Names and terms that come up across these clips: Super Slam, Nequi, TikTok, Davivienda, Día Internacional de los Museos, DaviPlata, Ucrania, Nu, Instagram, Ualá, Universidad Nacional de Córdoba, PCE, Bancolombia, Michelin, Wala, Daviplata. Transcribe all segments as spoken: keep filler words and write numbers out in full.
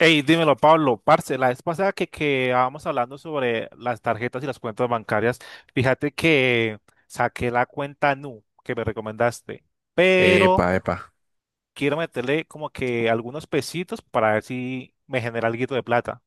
Hey, dímelo, Pablo, parce, la vez pasada que quedábamos hablando sobre las tarjetas y las cuentas bancarias, fíjate que saqué la cuenta Nu que me recomendaste, pero Epa, epa. quiero meterle como que algunos pesitos para ver si me genera algo de plata.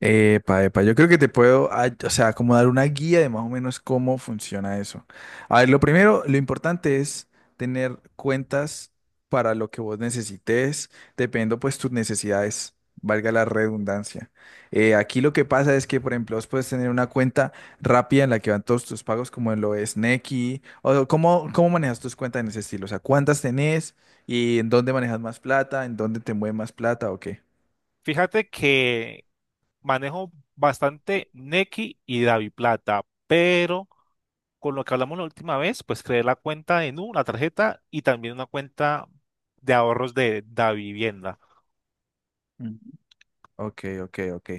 Epa, epa. Yo creo que te puedo, ah, o sea, como dar una guía de más o menos cómo funciona eso. A ver, lo primero, lo importante es tener cuentas para lo que vos necesites, dependiendo pues tus necesidades, valga la redundancia. Eh, aquí lo que pasa es que, por ejemplo, vos puedes tener una cuenta rápida en la que van todos tus pagos, como lo es Nequi, o cómo, cómo manejas tus cuentas en ese estilo, o sea, cuántas tenés y en dónde manejas más plata, en dónde te mueve más plata o qué. Fíjate que manejo bastante Nequi y DaviPlata, pero con lo que hablamos la última vez, pues creé la cuenta de Nu, la tarjeta y también una cuenta de ahorros de Davivienda. Ok, ok, ok.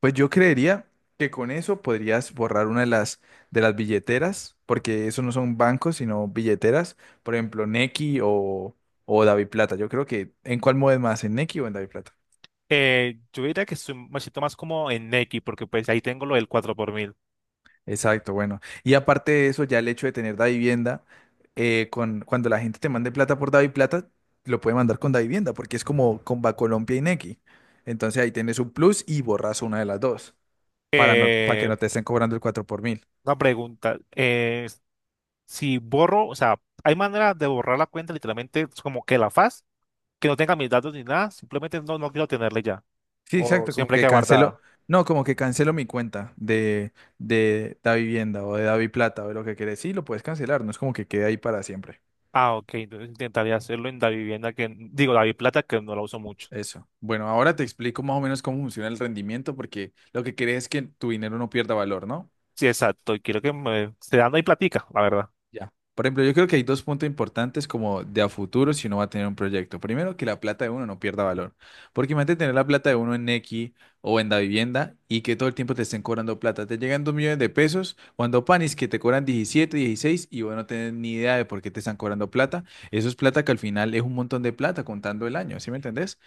Pues yo creería que con eso podrías borrar una de las, de las billeteras, porque eso no son bancos, sino billeteras. Por ejemplo, Nequi o, o Daviplata. Yo creo que, ¿en cuál mueves más? ¿En Nequi o en Daviplata? Eh, yo diría que estoy- me siento más como en Nequi porque pues ahí tengo lo del cuatro por mil. Exacto, bueno. Y aparte de eso, ya el hecho de tener Davivienda, eh, con, cuando la gente te mande plata por Daviplata, lo puede mandar con Davivienda, porque es como con Bancolombia y Nequi. Entonces ahí tienes un plus y borras una de las dos, para, no, para que Eh, no te estén cobrando el cuatro por mil. una pregunta, eh, si borro, o sea, ¿hay manera de borrar la cuenta literalmente es como que la faz, que no tenga mis datos ni nada? Simplemente no, no quiero tenerla ya. Sí, ¿O exacto, como siempre que queda cancelo, guardada? no, como que cancelo mi cuenta de, de Da Vivienda o de Davi Plata o de lo que quieres. Sí, lo puedes cancelar, no es como que quede ahí para siempre. Ah, ok. Entonces intentaría hacerlo en la vivienda que, digo, la plata que no la uso mucho. Eso. Bueno, ahora te explico más o menos cómo funciona el rendimiento, porque lo que querés es que tu dinero no pierda valor, ¿no? Sí, exacto. Y quiero que me se dan ahí platica, la verdad. Ya. Por ejemplo, yo creo que hay dos puntos importantes como de a futuro si uno va a tener un proyecto. Primero, que la plata de uno no pierda valor. Porque imagínate tener la plata de uno en Nequi o en Davivienda y que todo el tiempo te estén cobrando plata. Te llegan dos millones de pesos cuando panis que te cobran diecisiete, dieciséis y vos no tenés ni idea de por qué te están cobrando plata. Eso es plata que al final es un montón de plata contando el año, ¿sí me entendés?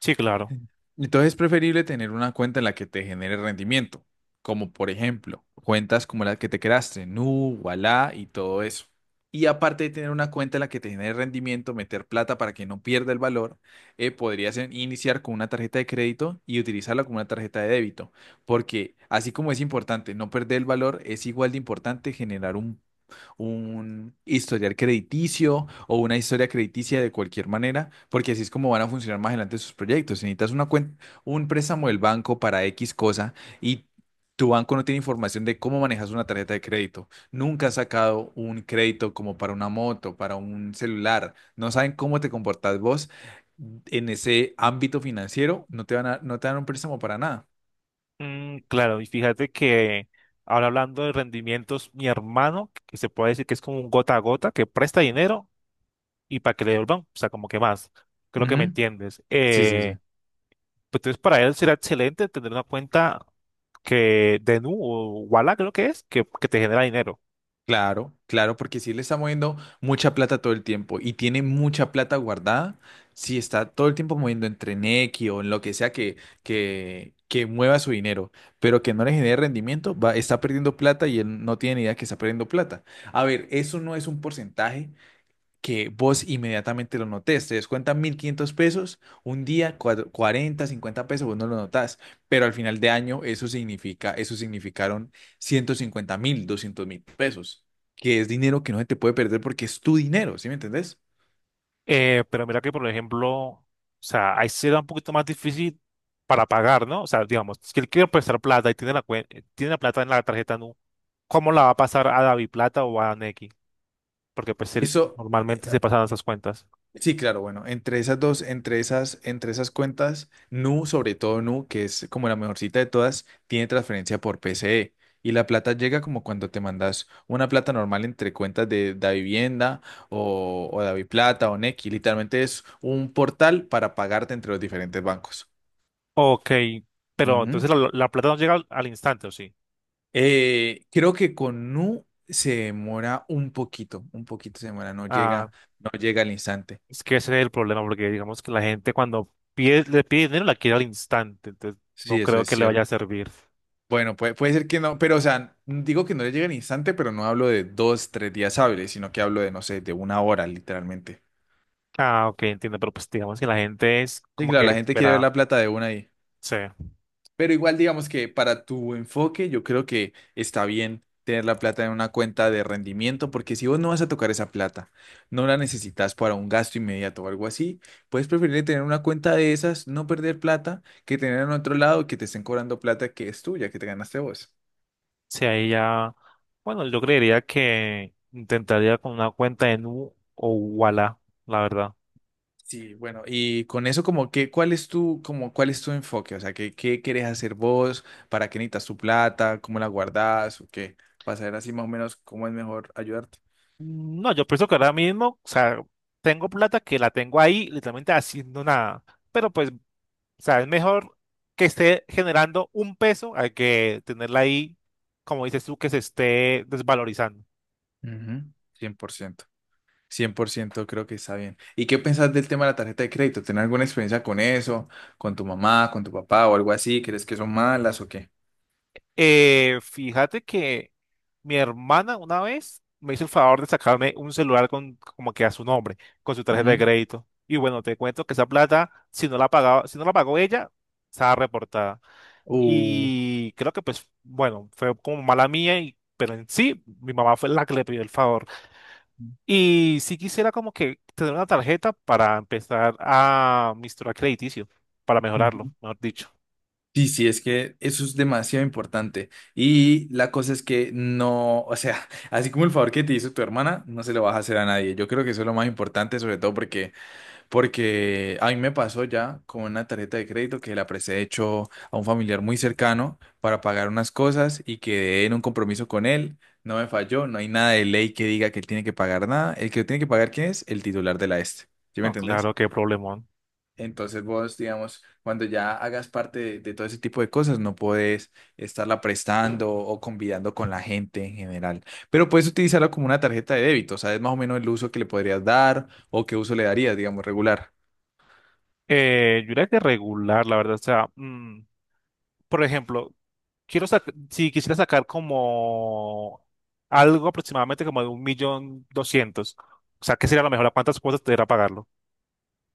Sí, claro. Entonces es preferible tener una cuenta en la que te genere rendimiento, como por ejemplo cuentas como la que te creaste, Nu, Ualá y todo eso. Y aparte de tener una cuenta en la que te genere rendimiento, meter plata para que no pierda el valor, eh, podrías en- iniciar con una tarjeta de crédito y utilizarla como una tarjeta de débito, porque así como es importante no perder el valor, es igual de importante generar un un historial crediticio o una historia crediticia de cualquier manera, porque así es como van a funcionar más adelante sus proyectos. Si necesitas una cuen- un préstamo del banco para X cosa y tu banco no tiene información de cómo manejas una tarjeta de crédito, nunca has sacado un crédito como para una moto, para un celular, no saben cómo te comportas vos en ese ámbito financiero, no te van a, no te dan un préstamo para nada. Mm, claro. Y fíjate que ahora hablando de rendimientos, mi hermano, que se puede decir que es como un gota a gota, que presta dinero y para que le devuelvan, o sea, como que más. Creo que me Ujú. entiendes. Sí, sí, sí. Eh, pues entonces para él será excelente tener una cuenta que de Nu o Wala creo que es, que, que te genera dinero. Claro, claro, porque si le está moviendo mucha plata todo el tiempo y tiene mucha plata guardada, si está todo el tiempo moviendo entre Nequi o en lo que sea que, que, que mueva su dinero, pero que no le genere rendimiento, va, está perdiendo plata y él no tiene ni idea que está perdiendo plata. A ver, eso no es un porcentaje, que vos inmediatamente lo notés. Te descuentan mil quinientos pesos, un día cuatro- cuarenta, cincuenta pesos, vos no lo notás, pero al final de año eso significa, eso significaron ciento cincuenta mil, doscientos mil pesos, que es dinero que no se te puede perder porque es tu dinero, ¿sí me entendés? Eh, pero mira que, por ejemplo, o sea, ahí será un poquito más difícil para pagar, ¿no? O sea, digamos, si él quiere prestar plata y tiene la cuen- eh, tiene la plata en la tarjeta Nu, ¿cómo la va a pasar a David Plata o a Nequi? Porque pues él- Eso. normalmente se pasan esas cuentas. Sí, claro, bueno, entre esas dos, entre esas, entre esas cuentas, Nu, sobre todo Nu, que es como la mejorcita de todas, tiene transferencia por P C E. Y la plata llega como cuando te mandas una plata normal entre cuentas de Davivienda o, o DaviPlata o Nequi. Literalmente es un portal para pagarte entre los diferentes bancos. Ok, pero Ujú. entonces la, la plata no llega al, al instante, ¿o sí? Eh, creo que con Nu se demora un poquito, un poquito se demora, no Ah, llega, no llega al instante. es que ese es el problema, porque digamos que la gente cuando pide, le pide dinero la quiere al instante, entonces no Sí, eso creo es que le vaya a cierto. servir. Bueno, puede, puede ser que no, pero o sea, digo que no le llega al instante, pero no hablo de dos, tres días hábiles, sino que hablo de, no sé, de una hora, literalmente. Ah, ok, entiendo, pero pues digamos que la gente es Sí, como claro, que la gente quiere ver espera. la plata de una ahí. Sí. Pero igual, digamos que para tu enfoque, yo creo que está bien tener la plata en una cuenta de rendimiento, porque si vos no vas a tocar esa plata, no la necesitas para un gasto inmediato o algo así, puedes preferir tener una cuenta de esas, no perder plata, que tener en otro lado que te estén cobrando plata que es tuya, que te ganaste vos. Sí, ahí ya, bueno, yo creería que intentaría con una cuenta en Nu o Wala, la verdad. Sí, bueno, y con eso como que, ¿cuál es tu, como, ¿cuál es tu enfoque? O sea, ¿qué, qué quieres hacer vos? ¿Para qué necesitas tu plata? ¿Cómo la guardás? ¿O qué? Para saber así más o menos cómo es mejor ayudarte. No, yo pienso que ahora mismo, o sea, tengo plata que la tengo ahí, literalmente haciendo nada. Pero pues, o sea, es mejor que esté generando un peso a que tenerla ahí, como dices tú, que se esté desvalorizando. Ujú, cien por ciento, cien por ciento creo que está bien. ¿Y qué pensás del tema de la tarjeta de crédito? ¿Tenés alguna experiencia con eso? ¿Con tu mamá, con tu papá o algo así? ¿Crees que son malas o qué? Eh, fíjate que mi hermana una vez me hizo el favor de sacarme un celular con como que a su nombre, con su tarjeta de Ujú. crédito. Y bueno, te cuento que esa plata, si no la pagaba, si no la pagó ella, estaba reportada. Uh, Y creo que pues, bueno, fue como mala mía, y, pero en sí, mi mamá fue la que le pidió el favor. Y si quisiera como que tener una tarjeta para empezar a mi historial crediticio, para ujú. mejorarlo, mejor dicho. Sí, sí, es que eso es demasiado importante. Y la cosa es que no, o sea, así como el favor que te hizo tu hermana, no se lo vas a hacer a nadie. Yo creo que eso es lo más importante, sobre todo porque, porque a mí me pasó ya con una tarjeta de crédito que la presté, de hecho, a un familiar muy cercano para pagar unas cosas y quedé en un compromiso con él. No me falló, no hay nada de ley que diga que él tiene que pagar nada. El que tiene que pagar, ¿quién es? El titular de la este. ¿Sí me No, entendés? claro, qué problemón. Entonces vos, digamos, cuando ya hagas parte de, de todo ese tipo de cosas, no podés estarla prestando o convidando con la gente en general. Pero puedes utilizarla como una tarjeta de débito, ¿sabes más o menos el uso que le podrías dar o qué uso le darías, digamos, regular? Eh, yo diría que regular, la verdad. O sea, mm, por ejemplo, quiero sac- si quisiera sacar como algo aproximadamente como de un millón doscientos, o sea, ¿qué sería lo mejor? ¿A cuántas cuotas te irá pagarlo?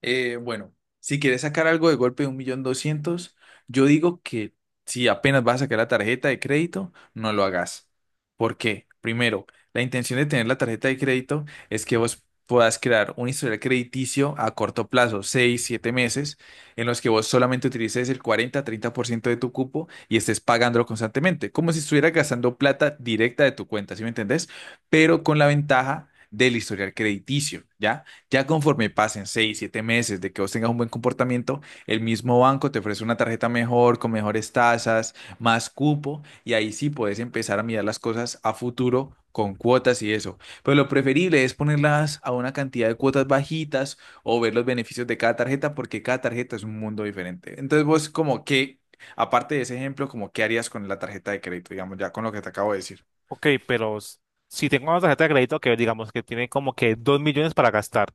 Eh, bueno, si quieres sacar algo de golpe de un millón doscientos, yo digo que si apenas vas a sacar la tarjeta de crédito, no lo hagas. ¿Por qué? Primero, la intención de tener la tarjeta de crédito es que vos puedas crear un historial crediticio a corto plazo, seis, siete meses, en los que vos solamente utilices el cuarenta, treinta por ciento de tu cupo y estés pagándolo constantemente, como si estuvieras gastando plata directa de tu cuenta, ¿sí me entendés? Pero con la ventaja del historial crediticio, ¿ya? Ya conforme pasen seis siete meses de que vos tengas un buen comportamiento, el mismo banco te ofrece una tarjeta mejor, con mejores tasas, más cupo, y ahí sí puedes empezar a mirar las cosas a futuro con cuotas y eso. Pero lo preferible es ponerlas a una cantidad de cuotas bajitas o ver los beneficios de cada tarjeta, porque cada tarjeta es un mundo diferente. Entonces vos como que, aparte de ese ejemplo, como qué harías con la tarjeta de crédito, digamos, ya con lo que te acabo de decir. Ok, pero s- si tengo una tarjeta de crédito que digamos que tiene como que dos millones para gastar,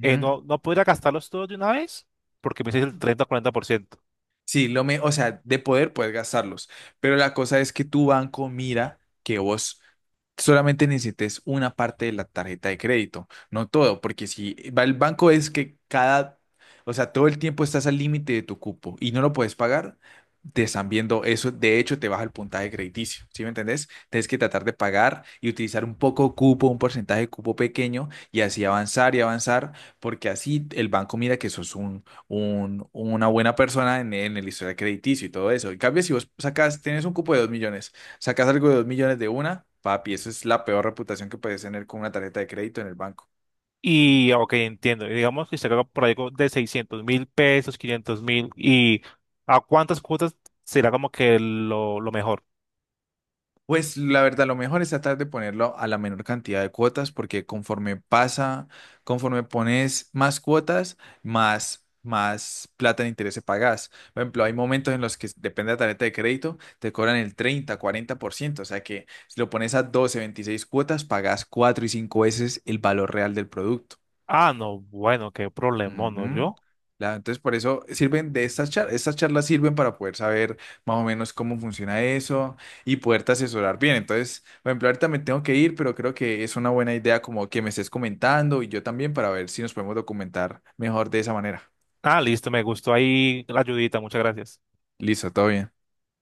eh, ¿no, no podría gastarlos todos de una vez? Porque me dice el treinta o cuarenta por ciento. Sí, lo me, o sea, de poder puedes gastarlos, pero la cosa es que tu banco mira que vos solamente necesites una parte de la tarjeta de crédito, no todo, porque si va el banco es que cada, o sea, todo el tiempo estás al límite de tu cupo y no lo puedes pagar, te están viendo eso, de hecho te baja el puntaje crediticio, ¿sí me entendés? Tienes que tratar de pagar y utilizar un poco de cupo, un porcentaje de cupo pequeño y así avanzar y avanzar, porque así el banco mira que sos un un- una buena persona en, en el historial crediticio y todo eso. En cambio, si vos sacas, tienes un cupo de dos millones, sacas algo de dos millones de una, papi, eso es la peor reputación que puedes tener con una tarjeta de crédito en el banco. Y, ok, entiendo. Y digamos que se caga por ahí como de seiscientos mil pesos, quinientos mil. ¿Y a cuántas cuotas será como que lo, lo mejor? Pues la verdad, lo mejor es tratar de ponerlo a la menor cantidad de cuotas, porque conforme pasa, conforme pones más cuotas, más, más plata de interés se pagas. Por ejemplo, hay momentos en los que depende de la tarjeta de crédito, te cobran el treinta, cuarenta por ciento, o sea que si lo pones a doce, veintiséis cuotas, pagas cuatro y cinco veces el valor real del producto. Ah, no, bueno, qué problemón, ¿no? Ujú. Yo. La- entonces, por eso sirven de estas charlas. Estas charlas sirven para poder saber más o menos cómo funciona eso y poderte asesorar bien. Entonces, por ejemplo, ahorita me tengo que ir, pero creo que es una buena idea como que me estés comentando y yo también para ver si nos podemos documentar mejor de esa manera. Ah, listo, me gustó ahí la ayudita, muchas gracias. Listo, todo bien.